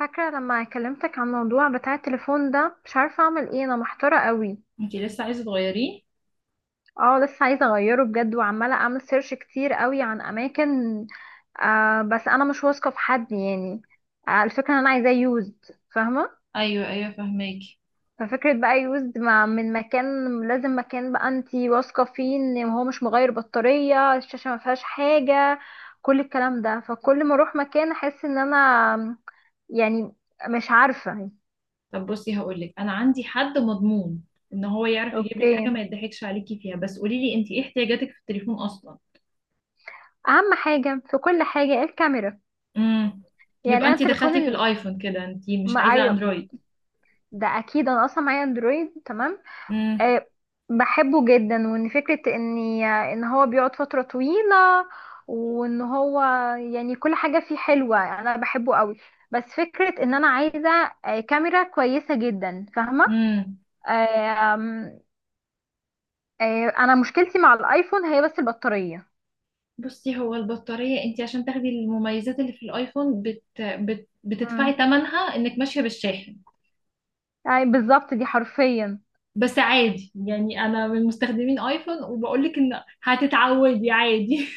فاكرة لما كلمتك عن الموضوع بتاع التليفون ده، مش عارفة اعمل ايه، انا محتارة قوي. انتي لسه عايزه تغيريه؟ اه لسه عايزة اغيره بجد، وعمالة اعمل سيرش كتير قوي عن اماكن. بس انا مش واثقة في حد يعني. الفكرة ان انا عايزاه يوزد. فاهمة. ايوه، ايوه، فهماكي. ففكرة بقى يوزد مع من مكان، لازم مكان بقى انتي واثقة فيه ان هو مش مغير بطارية، الشاشة ما فيهاش حاجة، كل الكلام ده. فكل ما اروح مكان احس ان انا، يعني، مش عارفة. طب بصي، هقولك انا عندي حد مضمون ان هو يعرف يجيب لك حاجه اوكي، ما يضحكش عليكي فيها. بس قولي لي انتي، ايه احتياجاتك في التليفون اصلا؟ اهم حاجه في كل حاجه الكاميرا. امم. يعني يبقى انا انتي التليفون دخلتي في ال... الايفون كده، انتي مش ما... عايزه أيوه، اندرويد. ده اكيد، انا اصلا معايا اندرويد تمام. امم. أه، بحبه جدا، وان فكره ان هو بيقعد فتره طويله، وان هو يعني كل حاجه فيه حلوه، انا بحبه قوي. بس فكره ان انا عايزه كاميرا كويسه جدا، فاهمه. امم. أه... آم، انا مشكلتي مع الايفون هي بس البطاريه. بصي، هو البطاريه انتي عشان تاخدي المميزات اللي في الايفون بتدفعي امم ثمنها انك ماشيه بالشاحن. يعني بالظبط دي حرفيا. بس عادي، يعني انا من مستخدمين ايفون وبقولك ان هتتعودي عادي.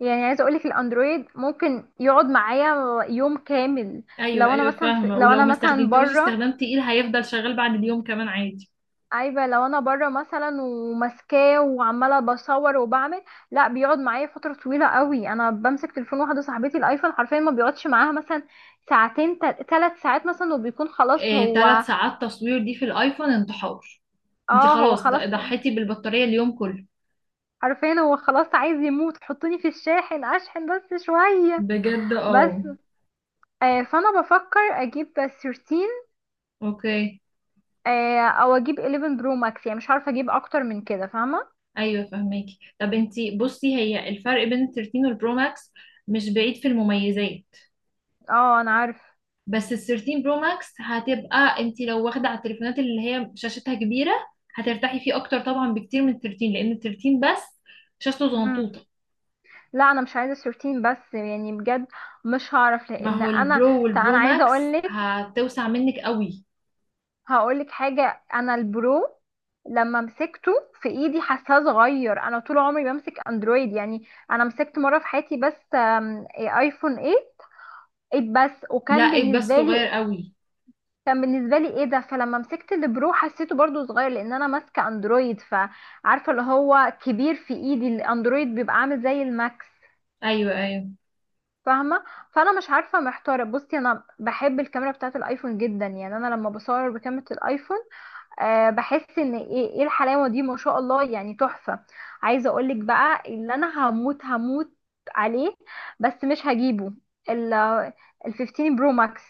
يعني عايزه اقولك الاندرويد ممكن يقعد معايا يوم كامل. ايوه، ايوه، فاهمه. لو ولو انا ما مثلا استخدمتيهوش بره، استخدام تقيل هيفضل شغال بعد اليوم كمان عادي. عايبه لو انا بره مثلا وماسكاه وعماله بصور وبعمل، لا بيقعد معايا فتره طويله قوي. انا بمسك تليفون، واحده صاحبتي الايفون حرفيا ما بيقعدش معاها مثلا ساعتين ثلاث ساعات مثلا، وبيكون خلاص إيه، هو. 3 ساعات تصوير دي في الايفون انتحار. انت اه هو خلاص خلاص، ضحيتي بالبطاريه اليوم كله. حرفيا هو خلاص عايز يموت، حطوني في الشاحن اشحن بس شويه بجد، اه. بس. فانا بفكر اجيب 13، اوكي. او اجيب 11 برو ماكس، يعني مش عارفه اجيب اكتر من كده، فاهمه. ايوه فهماكي. طب انت، بصي هي الفرق بين ال 13 والبرو ماكس مش بعيد في المميزات. اه انا عارف. بس ال 13 برو ماكس هتبقى انت لو واخده على التليفونات اللي هي شاشتها كبيره هترتاحي فيه اكتر طبعا بكتير من ال 13، لان ال 13 بس شاشته مم. زنطوطه. لا انا مش عايزه 13 بس يعني، بجد مش هعرف ما لان هو انا. البرو طب والبرو انا عايزه ماكس اقول لك، هتوسع منك قوي. هقول لك حاجه. انا البرو لما مسكته في ايدي حاساه صغير، انا طول عمري بمسك اندرويد. يعني انا مسكت مره في حياتي بس ايفون 8، 8 بس، لا، وكان ايد بس بالنسبه صغير لي، قوي. كان بالنسبه لي ايه ده. فلما مسكت البرو حسيته برضو صغير، لان انا ماسكه اندرويد، فعارفه اللي هو كبير في ايدي، الاندرويد بيبقى عامل زي الماكس، ايوه، ايوه، فاهمه. فانا مش عارفه، محتاره. بصي انا بحب الكاميرا بتاعه الايفون جدا، يعني انا لما بصور بكاميرا الايفون، أه بحس ان ايه الحلاوه دي، ما شاء الله يعني، تحفه. عايزه اقولك بقى، اللي انا هموت، هموت عليه بس مش هجيبه، ال ال 15 برو ماكس.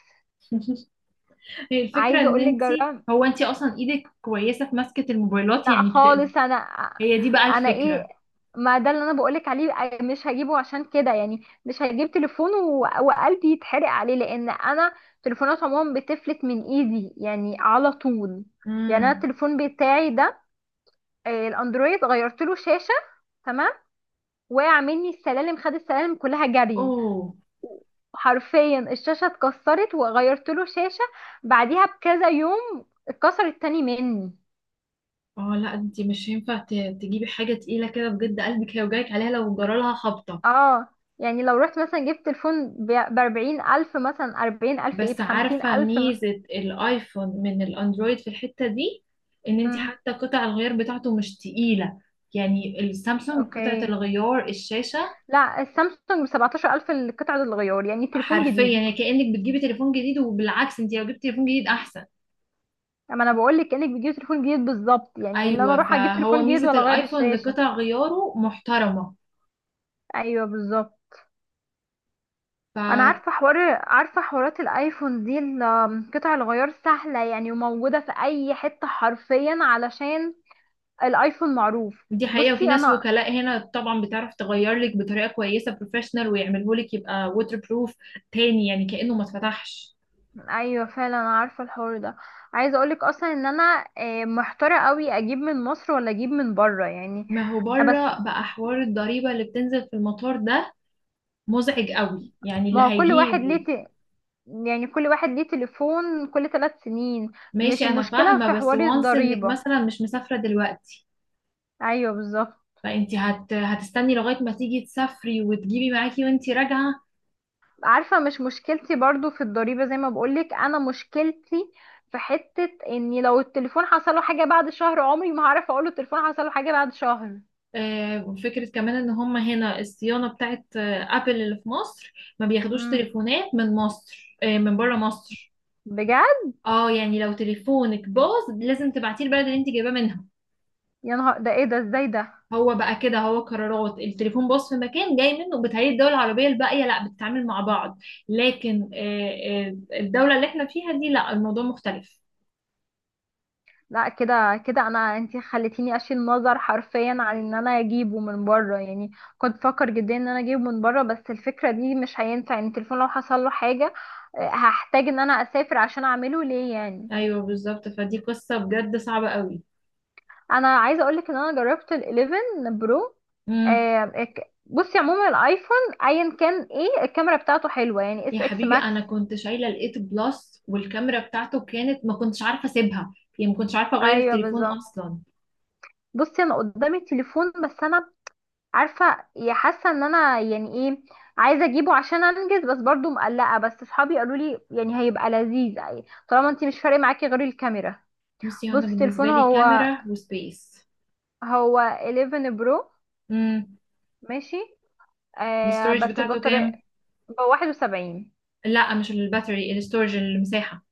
هي الفكره عايزه ان اقولك انت، جربت. هو انت اصلا ايدك كويسه في مسكه الموبايلات، لا يعني خالص انا، هي دي بقى انا الفكره. ايه، ما ده اللي انا بقولك عليه، مش هجيبه عشان كده. يعني مش هجيب تليفون وقلبي يتحرق عليه، لان انا تليفونات عموما بتفلت من ايدي يعني على طول. يعني انا امم. التليفون بتاعي ده، الاندرويد، غيرت له شاشه. تمام، وقع مني السلالم، خد السلالم كلها جري، اوه. حرفيا الشاشه اتكسرت وغيرت له شاشه، بعديها بكذا يوم اتكسرت تاني مني. اه، لا انت مش هينفع تجيبي حاجه تقيله كده بجد، قلبك هيوجعك عليها لو جرالها خبطه. اه يعني لو رحت مثلا جبت تليفون بأربعين ألف، مثلا أربعين ألف، ايه، بس بخمسين عارفه ألف م... ميزه الايفون من الاندرويد في الحته دي ان انت مم. حتى قطع الغيار بتاعته مش تقيله. يعني السامسونج قطعه اوكي. الغيار الشاشه، لا السامسونج بسبعتاشر ألف القطعة الغيار، يعني تليفون حرفيا جديد. يعني كأنك بتجيبي تليفون جديد، وبالعكس انت لو جبتي تليفون جديد احسن. اما انا بقولك كأنك بتجيب تليفون جديد بالظبط، يعني ان انا ايوه، اروح اجيب فهو تليفون جديد ميزة ولا اغير الايفون ان الشاشة. قطع غياره محترمة. ايوه بالظبط. انا فدي عارفه حوار، عارفه حوارات الايفون دي، قطع الغيار سهله يعني، وموجوده في اي حته حرفيا، علشان الايفون معروف. حقيقة. وفي بصي ناس انا، وكلاء هنا طبعا بتعرف تغير لك بطريقة كويسة بروفيشنال ويعمله لك يبقى ووتر بروف تاني، يعني كأنه ما اتفتحش. ايوه فعلا انا عارفه الحوار ده. عايزه اقولك اصلا ان انا محتاره قوي اجيب من مصر ولا اجيب من بره يعني. ما هو بس بره بقى حوار الضريبة اللي بتنزل في المطار ده مزعج قوي، يعني اللي ما هو كل واحد هيجيبه. ليه ت... يعني كل واحد ليه تليفون كل ثلاث سنين. ماشي، مش انا المشكله فاهمة. في بس حوار وانس انك الضريبه، مثلا مش مسافرة دلوقتي، ايوه بالظبط. فانت هتستني لغايه ما تيجي تسافري وتجيبي معاكي وانت راجعه. عارفه، مش مشكلتي برضو في الضريبه، زي ما بقولك، انا مشكلتي في حته اني لو التليفون حصله حاجه بعد شهر، عمري ما هعرف اقوله التليفون حصله حاجه بعد شهر. فكرة كمان ان هم هنا الصيانة بتاعت ابل اللي في مصر ما بياخدوش امم، تليفونات من مصر، من بره مصر. بجد؟ اه، يعني لو تليفونك باظ لازم تبعتيه البلد اللي انت جايباه منها. يا نهار ده، ايه ده، ازاي ده؟ هو بقى كده، هو قرارات التليفون باظ في مكان جاي منه بتهيئ الدول العربية الباقية لا بتتعامل مع بعض. لكن الدولة اللي احنا فيها دي لا، الموضوع مختلف. لا كده كده انا، انتي خليتيني اشيل نظر حرفيا عن ان انا اجيبه من بره يعني. كنت بفكر جدا ان انا اجيبه من بره، بس الفكره دي مش هينفع يعني، التليفون لو حصل له حاجه هحتاج ان انا اسافر عشان اعمله ليه يعني. ايوه بالظبط، فدي قصة بجد صعبة قوي. انا عايزه اقولك ان انا جربت ال11 برو، بصي عموما الايفون ايا كان، ايه الكاميرا بتاعته حلوه يعني، يا اس اكس حبيبي، انا ماكس. كنت شايله الايت بلس والكاميرا بتاعته كانت ما كنتش عارفه اسيبها، يعني ما كنتش عارفه اغير ايوه التليفون بالظبط. اصلا. بصي انا قدامي تليفون، بس انا عارفه، يا حاسه ان انا يعني ايه، عايزه اجيبه عشان انجز، بس برضو مقلقه. بس صحابي قالوا لي يعني هيبقى لذيذ، يعني طالما انت مش فارق معاكي غير الكاميرا. بصي، هو انا بصي تليفون بالنسبه لي هو، كاميرا وسبيس. هو 11 برو. امم. ماشي. آه الاستورج بس بتاعته كام؟ البطاريه. هو 71. لا، مش الباتري، الاستورج، المساحه.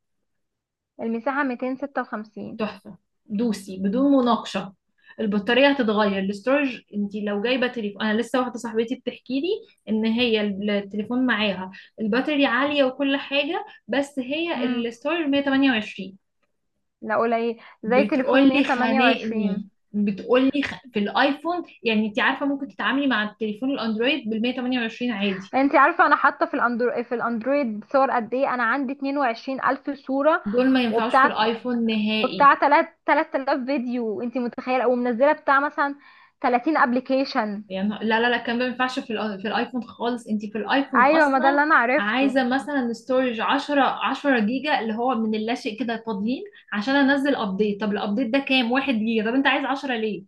المساحه 256. تحفه. دوسي بدون مناقشه. البطاريه هتتغير. الاستورج، انت لو جايبه تليفون، انا لسه واحده صاحبتي بتحكي لي ان هي التليفون معاها الباتري عاليه وكل حاجه، بس هي امم، الاستورج 128. لا قليل، زي تليفوني بتقولي خانقني، 128. بتقولي في الايفون. يعني انت عارفه ممكن تتعاملي مع التليفون الاندرويد بال 128 عادي. انت عارفه انا حاطه في الاندرويد صور قد ايه؟ انا عندي 220 الف صوره، دول ما ينفعوش في وبتاع الايفون نهائي، وبتاع تلات 3000 فيديو، انت متخيله؟ او منزله بتاع مثلا 30 ابلكيشن. يعني. لا، لا، لا، الكلام ده ما ينفعش في في الايفون خالص. انت في الايفون ايوه ما اصلا ده اللي انا عايزه عرفته. مثلا ستورج 10، 10 جيجا اللي هو من اللاشيء كده فاضيين، عشان انزل ابديت. طب الابديت ده كام؟ 1 جيجا. طب انت عايز 10 ليه؟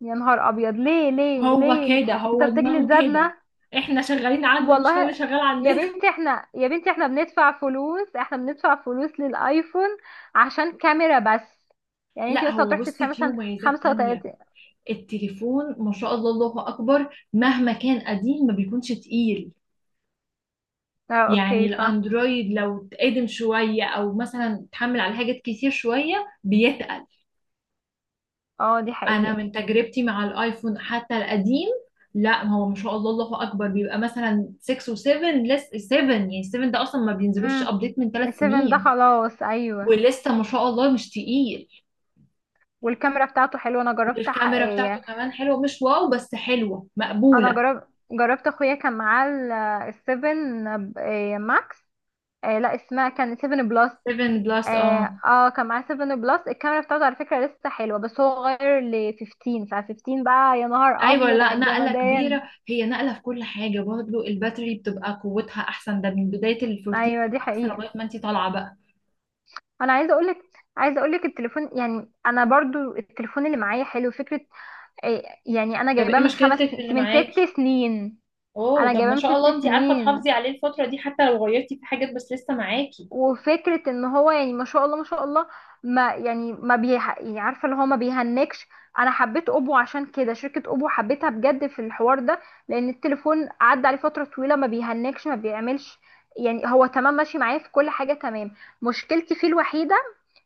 يا نهار ابيض، ليه ليه هو ليه؟ كده، انت هو بتجلد دماغه كده. ذاتنا، احنا شغالين عنده، مش هو والله. اللي شغال يا عندنا. بنتي احنا، يا بنتي احنا بندفع فلوس، احنا بندفع فلوس للايفون عشان كاميرا بس. يعني انت لا، بس هو هتروحي تدفعي بصي، في مثلا مميزات تانية. 35. التليفون ما شاء الله، الله اكبر، مهما كان قديم ما بيكونش تقيل. اه يعني اوكي فا. الاندرويد لو اتقدم شويه او مثلا اتحمل على حاجات كتير شويه بيتقل. اه دي انا حقيقة. من تجربتي مع الايفون حتى القديم، لا، ما هو ما شاء الله، الله اكبر، بيبقى مثلا 6 و7. لسه 7، يعني 7 ده اصلا ما بينزلوش امم، ابديت من 3 السيفن ده سنين. خلاص، ايوه. ولسه ما شاء الله مش تقيل. والكاميرا بتاعته حلوه، انا جربت والكاميرا بتاعته حقيقية. كمان حلوه، مش واو بس حلوه انا مقبوله. جربت اخويا كان معاه السيفن ماكس، آه لا اسمها كان سيفن بلس. 7 بلس، اه اه. كان معاه سيفن بلس، الكاميرا بتاعته على فكرة لسه حلوة، بس هو غير ل 15، فال15 بقى يا نهار ايوه، ابيض لا على نقله الجمدان. كبيره هي، نقله في كل حاجه، برضه الباتري بتبقى قوتها احسن ده من بدايه ال 14 ايوه دي والاكس حقيقة. لغايه ما انت طالعه بقى. انا عايزه اقولك، عايزه اقولك التليفون، يعني انا برضو التليفون اللي معايا حلو فكرة، يعني انا طب جايباه ايه من مشكلتك في اللي من ست معاكي؟ سنين. اوه، انا طب جايباه ما من شاء ست الله انت عارفه سنين، تحافظي عليه الفتره دي، حتى لو غيرتي في حاجات بس لسه معاكي. وفكرة ان هو يعني ما شاء الله ما شاء الله، ما يعني ما بيح... يعني عارفة اللي هو ما بيهنكش. انا حبيت اوبو عشان كده، شركة اوبو حبيتها بجد في الحوار ده، لان التليفون عدى عليه فترة طويلة، ما بيهنكش، ما بيعملش. يعني هو تمام، ماشي معايا في كل حاجة تمام. مشكلتي فيه الوحيدة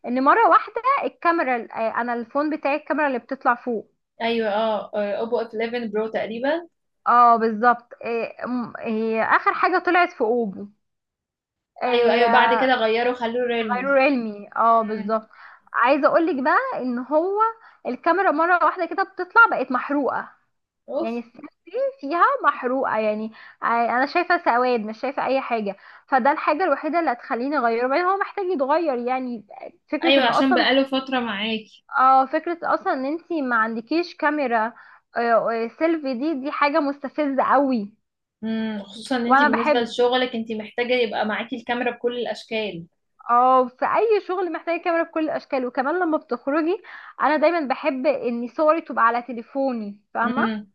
ان مرة واحدة الكاميرا، انا الفون بتاعي الكاميرا اللي بتطلع فوق. ايوه، اه، اوبو اف 11 برو تقريبا. اه بالظبط، اخر حاجة طلعت في اوبو ايوه، ايوه، بعد كده آه، غيره خلوه ريلمي. غير علمي، اه مم. بالظبط. عايزه اقولك بقى ان هو الكاميرا مره واحده كده بتطلع بقت محروقه، يعني اوف. السن فيها محروقه يعني. انا شايفه سواد، مش شايفه اي حاجه. فده الحاجه الوحيده اللي هتخليني اغيره، بعدين هو محتاج يتغير يعني. فكره ايوه، ان عشان اصلا، بقاله فتره معاكي. اه فكره اصلا ان انتي ما عندكيش كاميرا آه، سيلفي، دي حاجه مستفزه قوي. امم، خصوصا ان انت وانا بالنسبه بحب، لشغلك انت محتاجه يبقى معاكي الكاميرا بكل الاشكال. اه في اي شغل محتاجه كاميرا بكل الاشكال، وكمان لما بتخرجي انا دايما بحب ان صوري تبقى على تليفوني، فاهمه؟ امم.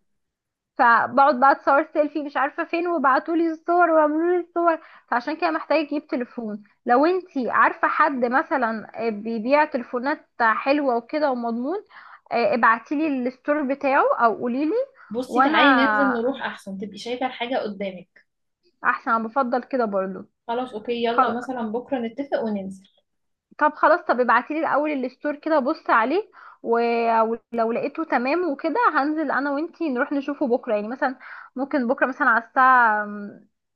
فبقعد بقى اتصور سيلفي مش عارفه فين، وبعتوا لي الصور وعملوا لي الصور. فعشان كده محتاجه اجيب تليفون. لو انتي عارفه حد مثلا بيبيع تليفونات حلوه وكده ومضمون، ابعتي لي الستور بتاعه او قولي لي. بصي، وانا، تعالي ننزل نروح احسن تبقي شايفة الحاجة قدامك. احسن انا بفضل كده برضو. خلاص اوكي، يلا مثلا بكرة نتفق وننزل. طب خلاص، طب ابعتيلي الاول الستور كده بص عليه، ولو لقيته تمام وكده هنزل انا وانتي نروح نشوفه بكره يعني مثلا. ممكن بكره مثلا على الساعه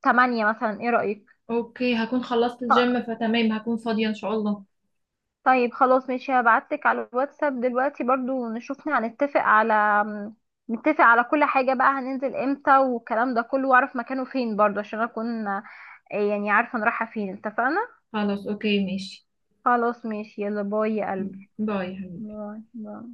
8 مثلا، ايه رايك؟ اوكي، هكون خلصت آه، الجيم فتمام، هكون فاضية ان شاء الله. طيب خلاص، ماشي، هبعتلك على الواتساب دلوقتي برضو نشوف هنتفق على، نتفق على كل حاجه بقى، هننزل امتى والكلام ده كله، واعرف مكانه فين برضو، عشان اكون يعني عارفه انا رايحه فين، اتفقنا؟ خلاص اوكي ماشي. خلاص ماشي، يلا باي يا قلبي. باي. باي باي.